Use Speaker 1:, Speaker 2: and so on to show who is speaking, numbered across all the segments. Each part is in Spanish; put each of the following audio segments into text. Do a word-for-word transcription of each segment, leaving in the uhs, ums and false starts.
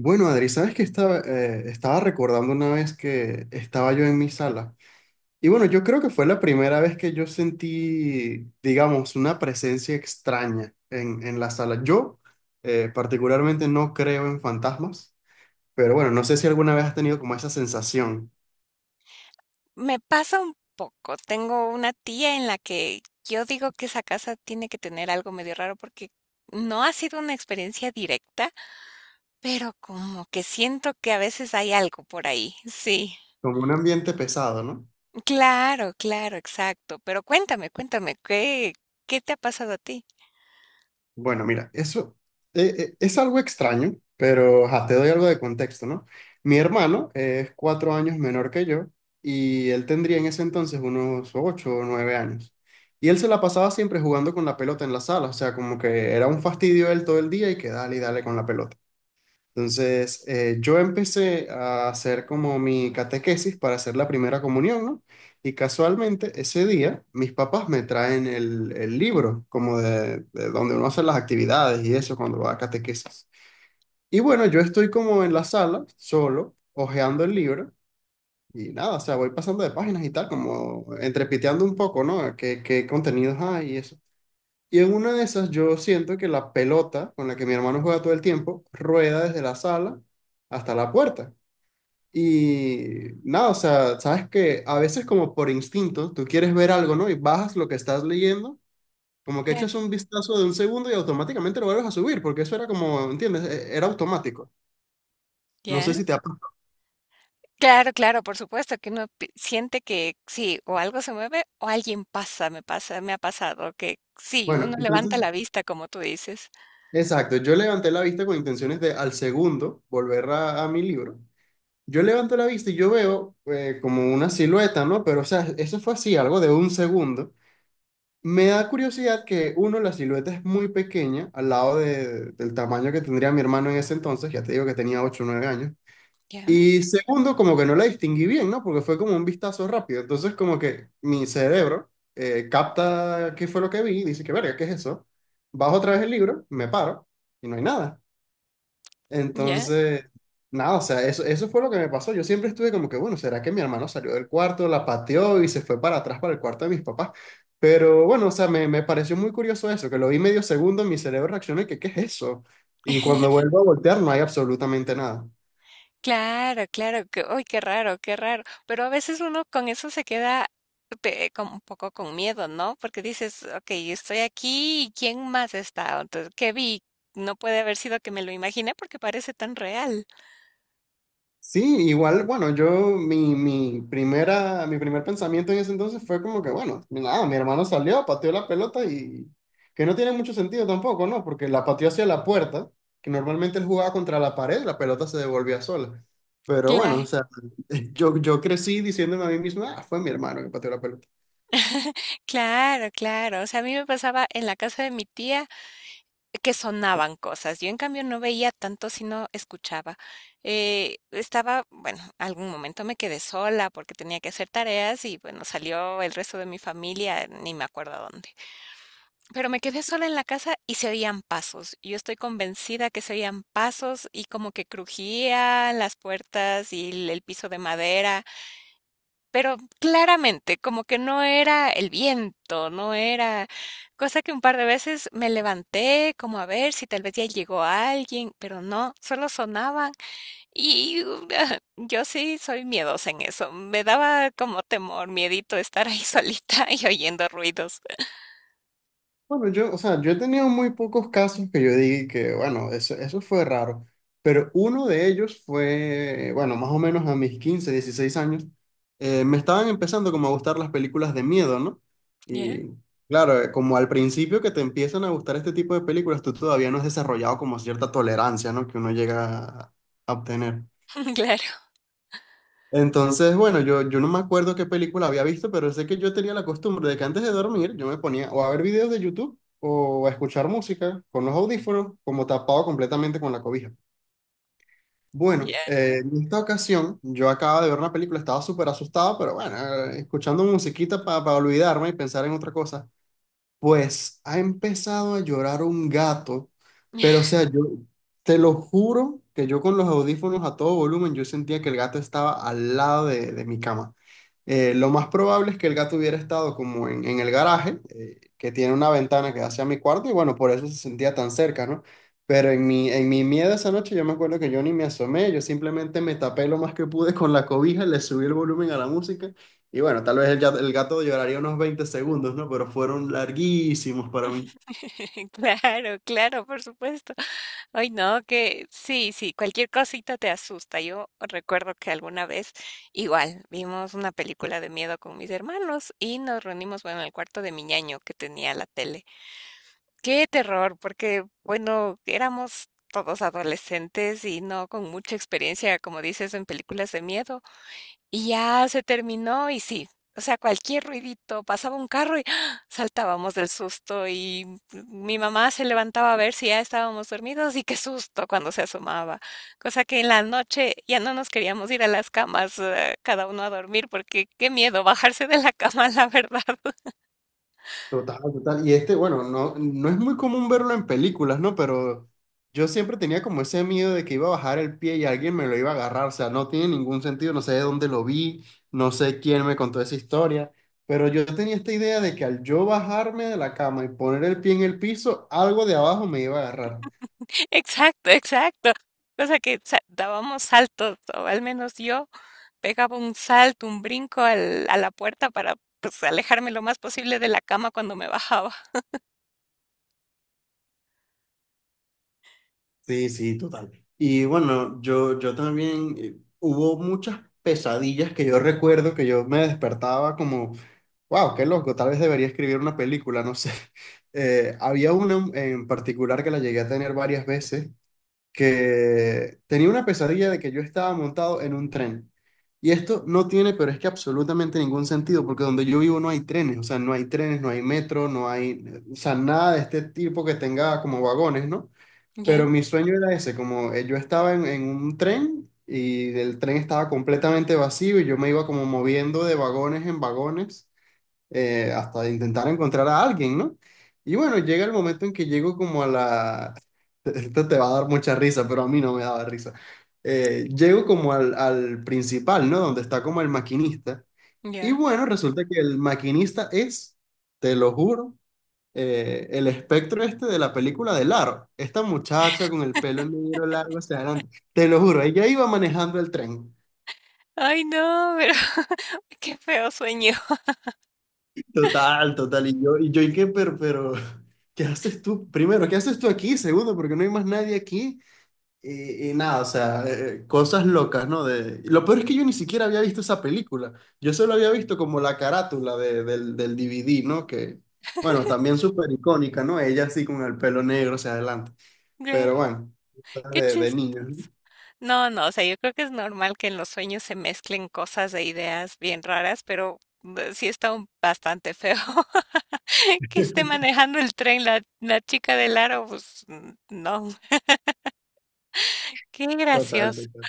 Speaker 1: Bueno, Adri, sabes que estaba, eh, estaba recordando una vez que estaba yo en mi sala. Y bueno, yo creo que fue la primera vez que yo sentí, digamos, una presencia extraña en, en la sala. Yo eh, particularmente no creo en fantasmas, pero bueno, no sé si alguna vez has tenido como esa sensación,
Speaker 2: Me pasa un poco. Tengo una tía en la que yo digo que esa casa tiene que tener algo medio raro porque no ha sido una experiencia directa, pero como que siento que a veces hay algo por ahí. Sí.
Speaker 1: como un ambiente pesado, ¿no?
Speaker 2: Claro, claro, exacto. Pero cuéntame, cuéntame, ¿qué, qué te ha pasado a ti?
Speaker 1: Bueno, mira, eso eh, eh, es algo extraño, pero ajá, te doy algo de contexto, ¿no? Mi hermano es cuatro años menor que yo y él tendría en ese entonces unos ocho o nueve años. Y él se la pasaba siempre jugando con la pelota en la sala, o sea, como que era un fastidio él todo el día y que dale y dale con la pelota. Entonces, eh, yo empecé a hacer como mi catequesis para hacer la primera comunión, ¿no? Y casualmente ese día mis papás me traen el, el libro, como de, de donde uno hace las actividades y eso cuando va a catequesis. Y bueno, yo estoy como en la sala, solo, hojeando el libro y nada, o sea, voy pasando de páginas y tal, como entrepiteando un poco, ¿no? ¿Qué, qué contenidos hay y eso? Y en una de esas yo siento que la pelota con la que mi hermano juega todo el tiempo rueda desde la sala hasta la puerta. Y nada, o sea, sabes que a veces como por instinto tú quieres ver algo, ¿no? Y bajas lo que estás leyendo, como que
Speaker 2: Claro.
Speaker 1: echas un vistazo de un segundo y automáticamente lo vuelves a subir, porque eso era como, ¿entiendes? E- Era automático. No
Speaker 2: ¿Ya?
Speaker 1: sé si te ha pasado.
Speaker 2: Claro, claro, por supuesto que uno pi- siente que sí, o algo se mueve o alguien pasa, me pasa, me ha pasado que sí,
Speaker 1: Bueno,
Speaker 2: uno levanta
Speaker 1: entonces,
Speaker 2: la vista, como tú dices.
Speaker 1: exacto, yo levanté la vista con intenciones de al segundo volver a a mi libro. Yo levanto la vista y yo veo eh, como una silueta, ¿no? Pero, o sea, eso fue así, algo de un segundo. Me da curiosidad que, uno, la silueta es muy pequeña al lado de- del tamaño que tendría mi hermano en ese entonces, ya te digo que tenía ocho o nueve años.
Speaker 2: Ya,
Speaker 1: Y segundo, como que no la distinguí bien, ¿no? Porque fue como un vistazo rápido. Entonces, como que mi cerebro eh, capta qué fue lo que vi y dice que, verga, ¿qué es eso? Bajo otra vez el libro, me paro y no hay nada.
Speaker 2: ya.
Speaker 1: Entonces, nada, o sea, eso, eso fue lo que me pasó. Yo siempre estuve como que, bueno, ¿será que mi hermano salió del cuarto, la pateó y se fue para atrás para el cuarto de mis papás? Pero bueno, o sea, me, me pareció muy curioso eso, que lo vi medio segundo, mi cerebro reaccionó y que, ¿qué es eso? Y cuando vuelvo a voltear no hay absolutamente nada.
Speaker 2: Claro, claro, que, uy, qué raro, qué raro. Pero a veces uno con eso se queda pe- como un poco con miedo, ¿no? Porque dices, ok, estoy aquí y ¿quién más está? Entonces, ¿qué vi? No puede haber sido que me lo imaginé porque parece tan real.
Speaker 1: Sí, igual, bueno, yo, mi, mi primera, mi primer pensamiento en ese entonces fue como que, bueno, nada, mi hermano salió, pateó la pelota y que no tiene mucho sentido tampoco, ¿no? Porque la pateó hacia la puerta, que normalmente él jugaba contra la pared, la pelota se devolvía sola. Pero bueno,
Speaker 2: Claro,
Speaker 1: o sea, yo, yo crecí diciéndome a mí mismo, ah, fue mi hermano que pateó la pelota.
Speaker 2: claro, claro. O sea, a mí me pasaba en la casa de mi tía. Que sonaban cosas. Yo, en cambio, no veía tanto, sino escuchaba. Eh, estaba, bueno, algún momento me quedé sola porque tenía que hacer tareas y, bueno, salió el resto de mi familia, ni me acuerdo a dónde. Pero me quedé sola en la casa y se oían pasos. Yo estoy convencida que se oían pasos y como que crujían las puertas y el el piso de madera. Pero claramente, como que no era el viento, no era cosa que un par de veces me levanté como a ver si tal vez ya llegó alguien, pero no, solo sonaban y uh, yo sí soy miedosa en eso, me daba como temor, miedito estar ahí solita y oyendo ruidos.
Speaker 1: Bueno, yo, o sea, yo he tenido muy pocos casos que yo diga que, bueno, eso, eso fue raro, pero uno de ellos fue, bueno, más o menos a mis quince, dieciséis años, eh, me estaban empezando como a gustar las películas de miedo, ¿no?
Speaker 2: Ya,
Speaker 1: Y claro, eh, como al principio que te empiezan a gustar este tipo de películas, tú todavía no has desarrollado como cierta tolerancia, ¿no? Que uno llega a a obtener.
Speaker 2: claro,
Speaker 1: Entonces, bueno, yo, yo no me acuerdo qué película había visto, pero sé que yo tenía la costumbre de que antes de dormir yo me ponía o a ver videos de YouTube o a escuchar música con los audífonos, como tapado completamente con la cobija.
Speaker 2: ya.
Speaker 1: Bueno, eh, en esta ocasión yo acababa de ver una película, estaba súper asustado, pero bueno, eh, escuchando musiquita para olvidarme y pensar en otra cosa. Pues ha empezado a llorar un gato, pero o sea, yo te lo juro que yo con los audífonos a todo volumen, yo sentía que el gato estaba al lado de, de mi cama. Eh, lo más probable es que el gato hubiera estado como en, en el garaje, eh, que tiene una ventana que da hacia mi cuarto, y bueno, por eso se sentía tan cerca, ¿no? Pero en mi, en mi miedo esa noche yo me acuerdo que yo ni me asomé, yo simplemente me tapé lo más que pude con la cobija, le subí el volumen a la música y bueno, tal vez el, ya- el gato lloraría unos veinte segundos, ¿no? Pero fueron larguísimos para mí.
Speaker 2: Claro, claro, por supuesto. Ay, no, que sí, sí, cualquier cosita te asusta. Yo recuerdo que alguna vez igual vimos una película de miedo con mis hermanos y nos reunimos, bueno, en el cuarto de mi ñaño que tenía la tele. Qué terror, porque, bueno, éramos todos adolescentes y no con mucha experiencia, como dices, en películas de miedo. Y ya se terminó y sí, o sea, cualquier ruidito, pasaba un carro y ¡ah! Saltábamos del susto y mi mamá se levantaba a ver si ya estábamos dormidos y qué susto cuando se asomaba. Cosa que en la noche ya no nos queríamos ir a las camas, eh, cada uno a dormir porque qué miedo bajarse de la cama, la verdad.
Speaker 1: Total, total. Y este, bueno, no, no es muy común verlo en películas, ¿no? Pero yo siempre tenía como ese miedo de que iba a bajar el pie y alguien me lo iba a agarrar. O sea, no tiene ningún sentido, no sé de dónde lo vi, no sé quién me contó esa historia. Pero yo tenía esta idea de que al yo bajarme de la cama y poner el pie en el piso, algo de abajo me iba a agarrar.
Speaker 2: Exacto, exacto. Cosa que sa- dábamos saltos, o al menos yo pegaba un salto, un brinco al- a la puerta para pues, alejarme lo más posible de la cama cuando me bajaba.
Speaker 1: Sí, sí, total. Y bueno, yo, yo también eh, hubo muchas pesadillas que yo recuerdo que yo me despertaba como, wow, qué loco, tal vez debería escribir una película, no sé. Eh, había una en particular que la llegué a tener varias veces, que tenía una pesadilla de que yo estaba montado en un tren. Y esto no tiene, pero es que absolutamente ningún sentido, porque donde yo vivo no hay trenes, o sea, no hay trenes, no hay metro, no hay, eh, o sea, nada de este tipo que tenga como vagones, ¿no? Pero
Speaker 2: Ya,
Speaker 1: mi sueño era ese, como eh, yo estaba en, en un tren y el tren estaba completamente vacío y yo me iba como moviendo de vagones en vagones eh, hasta intentar encontrar a alguien, ¿no? Y bueno, llega el momento en que llego como a la... Esto te va a dar mucha risa, pero a mí no me daba risa. Eh, llego como al, al principal, ¿no? Donde está como el maquinista. Y
Speaker 2: ya.
Speaker 1: bueno, resulta que el maquinista es, te lo juro, eh, el espectro este de la película de Laro. Esta muchacha con el pelo negro largo hacia adelante. Te lo juro, ella iba manejando el tren.
Speaker 2: Ay, no, pero qué feo sueño.
Speaker 1: Total, total. Y yo, y yo, ¿y qué? Pero, pero, ¿qué haces tú? Primero, ¿qué haces tú aquí? Segundo, porque no hay más nadie aquí. Y, y nada, o sea, eh, eh, cosas locas, ¿no? De, y lo peor es que yo ni siquiera había visto esa película. Yo solo había visto como la carátula de- del, del D V D, ¿no? Que, bueno, también súper icónica, ¿no? Ella así con el pelo negro hacia adelante.
Speaker 2: Claro,
Speaker 1: Pero bueno,
Speaker 2: qué
Speaker 1: de, de
Speaker 2: chistoso.
Speaker 1: niños, ¿no?
Speaker 2: No, no, o sea, yo creo que es normal que en los sueños se mezclen cosas e ideas bien raras, pero eh, sí está un- bastante feo que esté manejando el tren la, la chica del aro, pues mm, no, qué
Speaker 1: Total,
Speaker 2: gracioso.
Speaker 1: total.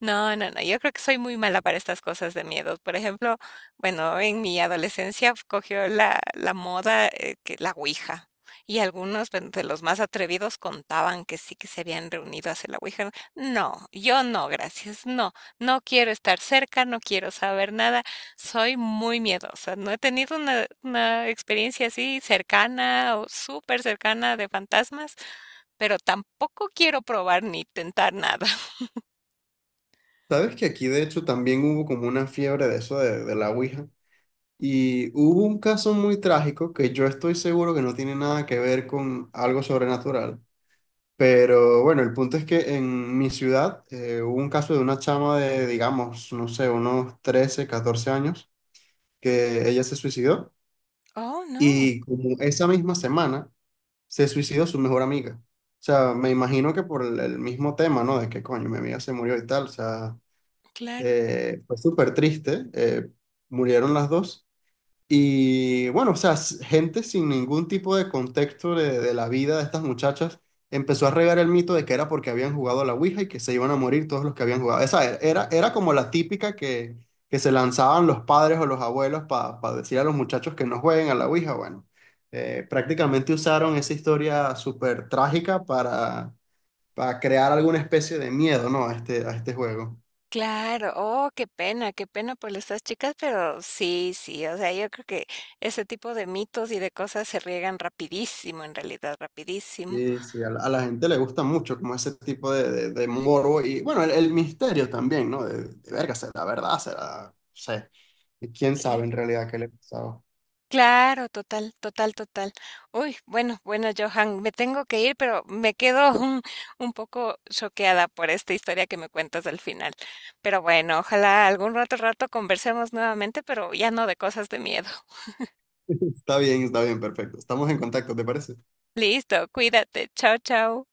Speaker 2: No, no, no, yo creo que soy muy mala para estas cosas de miedos. Por ejemplo, bueno, en mi adolescencia cogió la, la moda, eh, que la ouija. Y algunos pues, de los más atrevidos contaban que sí que se habían reunido a hacer la ouija. No, no, yo no, gracias. No, no quiero estar cerca, no quiero saber nada. Soy muy miedosa. No he tenido una, una experiencia así cercana o súper cercana de fantasmas, pero tampoco quiero probar ni tentar nada.
Speaker 1: ¿Sabes que aquí de hecho también hubo como una fiebre de eso de, de la Ouija? Y hubo un caso muy trágico que yo estoy seguro que no tiene nada que ver con algo sobrenatural. Pero bueno, el punto es que en mi ciudad eh, hubo un caso de una chama de, digamos, no sé, unos trece catorce años, que ella se suicidó.
Speaker 2: Oh, no.
Speaker 1: Y como esa misma semana se suicidó su mejor amiga. O sea, me imagino que por el, el mismo tema, ¿no? De que coño, mi amiga se murió y tal. O sea,
Speaker 2: Claro,
Speaker 1: eh, fue súper triste. Eh, murieron las dos. Y bueno, o sea, s- gente sin ningún tipo de contexto de, de la vida de estas muchachas empezó a regar el mito de que era porque habían jugado a la Ouija y que se iban a morir todos los que habían jugado. Esa era, era, era como la típica que, que se lanzaban los padres o los abuelos para decir a los muchachos que no jueguen a la Ouija. Bueno, eh, prácticamente usaron esa historia súper trágica para, para crear alguna especie de miedo, ¿no? A este, a este juego.
Speaker 2: claro. Oh, qué pena, qué pena por estas chicas, pero sí, sí, o sea, yo creo que ese tipo de mitos y de cosas se riegan rapidísimo, en realidad, rapidísimo.
Speaker 1: Sí, sí, a la, a la gente le gusta mucho como ese tipo de, de, de morbo y bueno, el, el misterio también, ¿no? De, de verga, será verdad, será, no sé, quién
Speaker 2: Cla-
Speaker 1: sabe en realidad qué le pasaba.
Speaker 2: Claro, total, total, total. Uy, bueno, bueno, Johan, me tengo que ir, pero me quedo un, un poco choqueada por esta historia que me cuentas al final. Pero bueno, ojalá algún rato, rato conversemos nuevamente, pero ya no de cosas de miedo.
Speaker 1: Está bien, está bien, perfecto. Estamos en contacto, ¿te parece?
Speaker 2: Listo, cuídate. Chao, chao.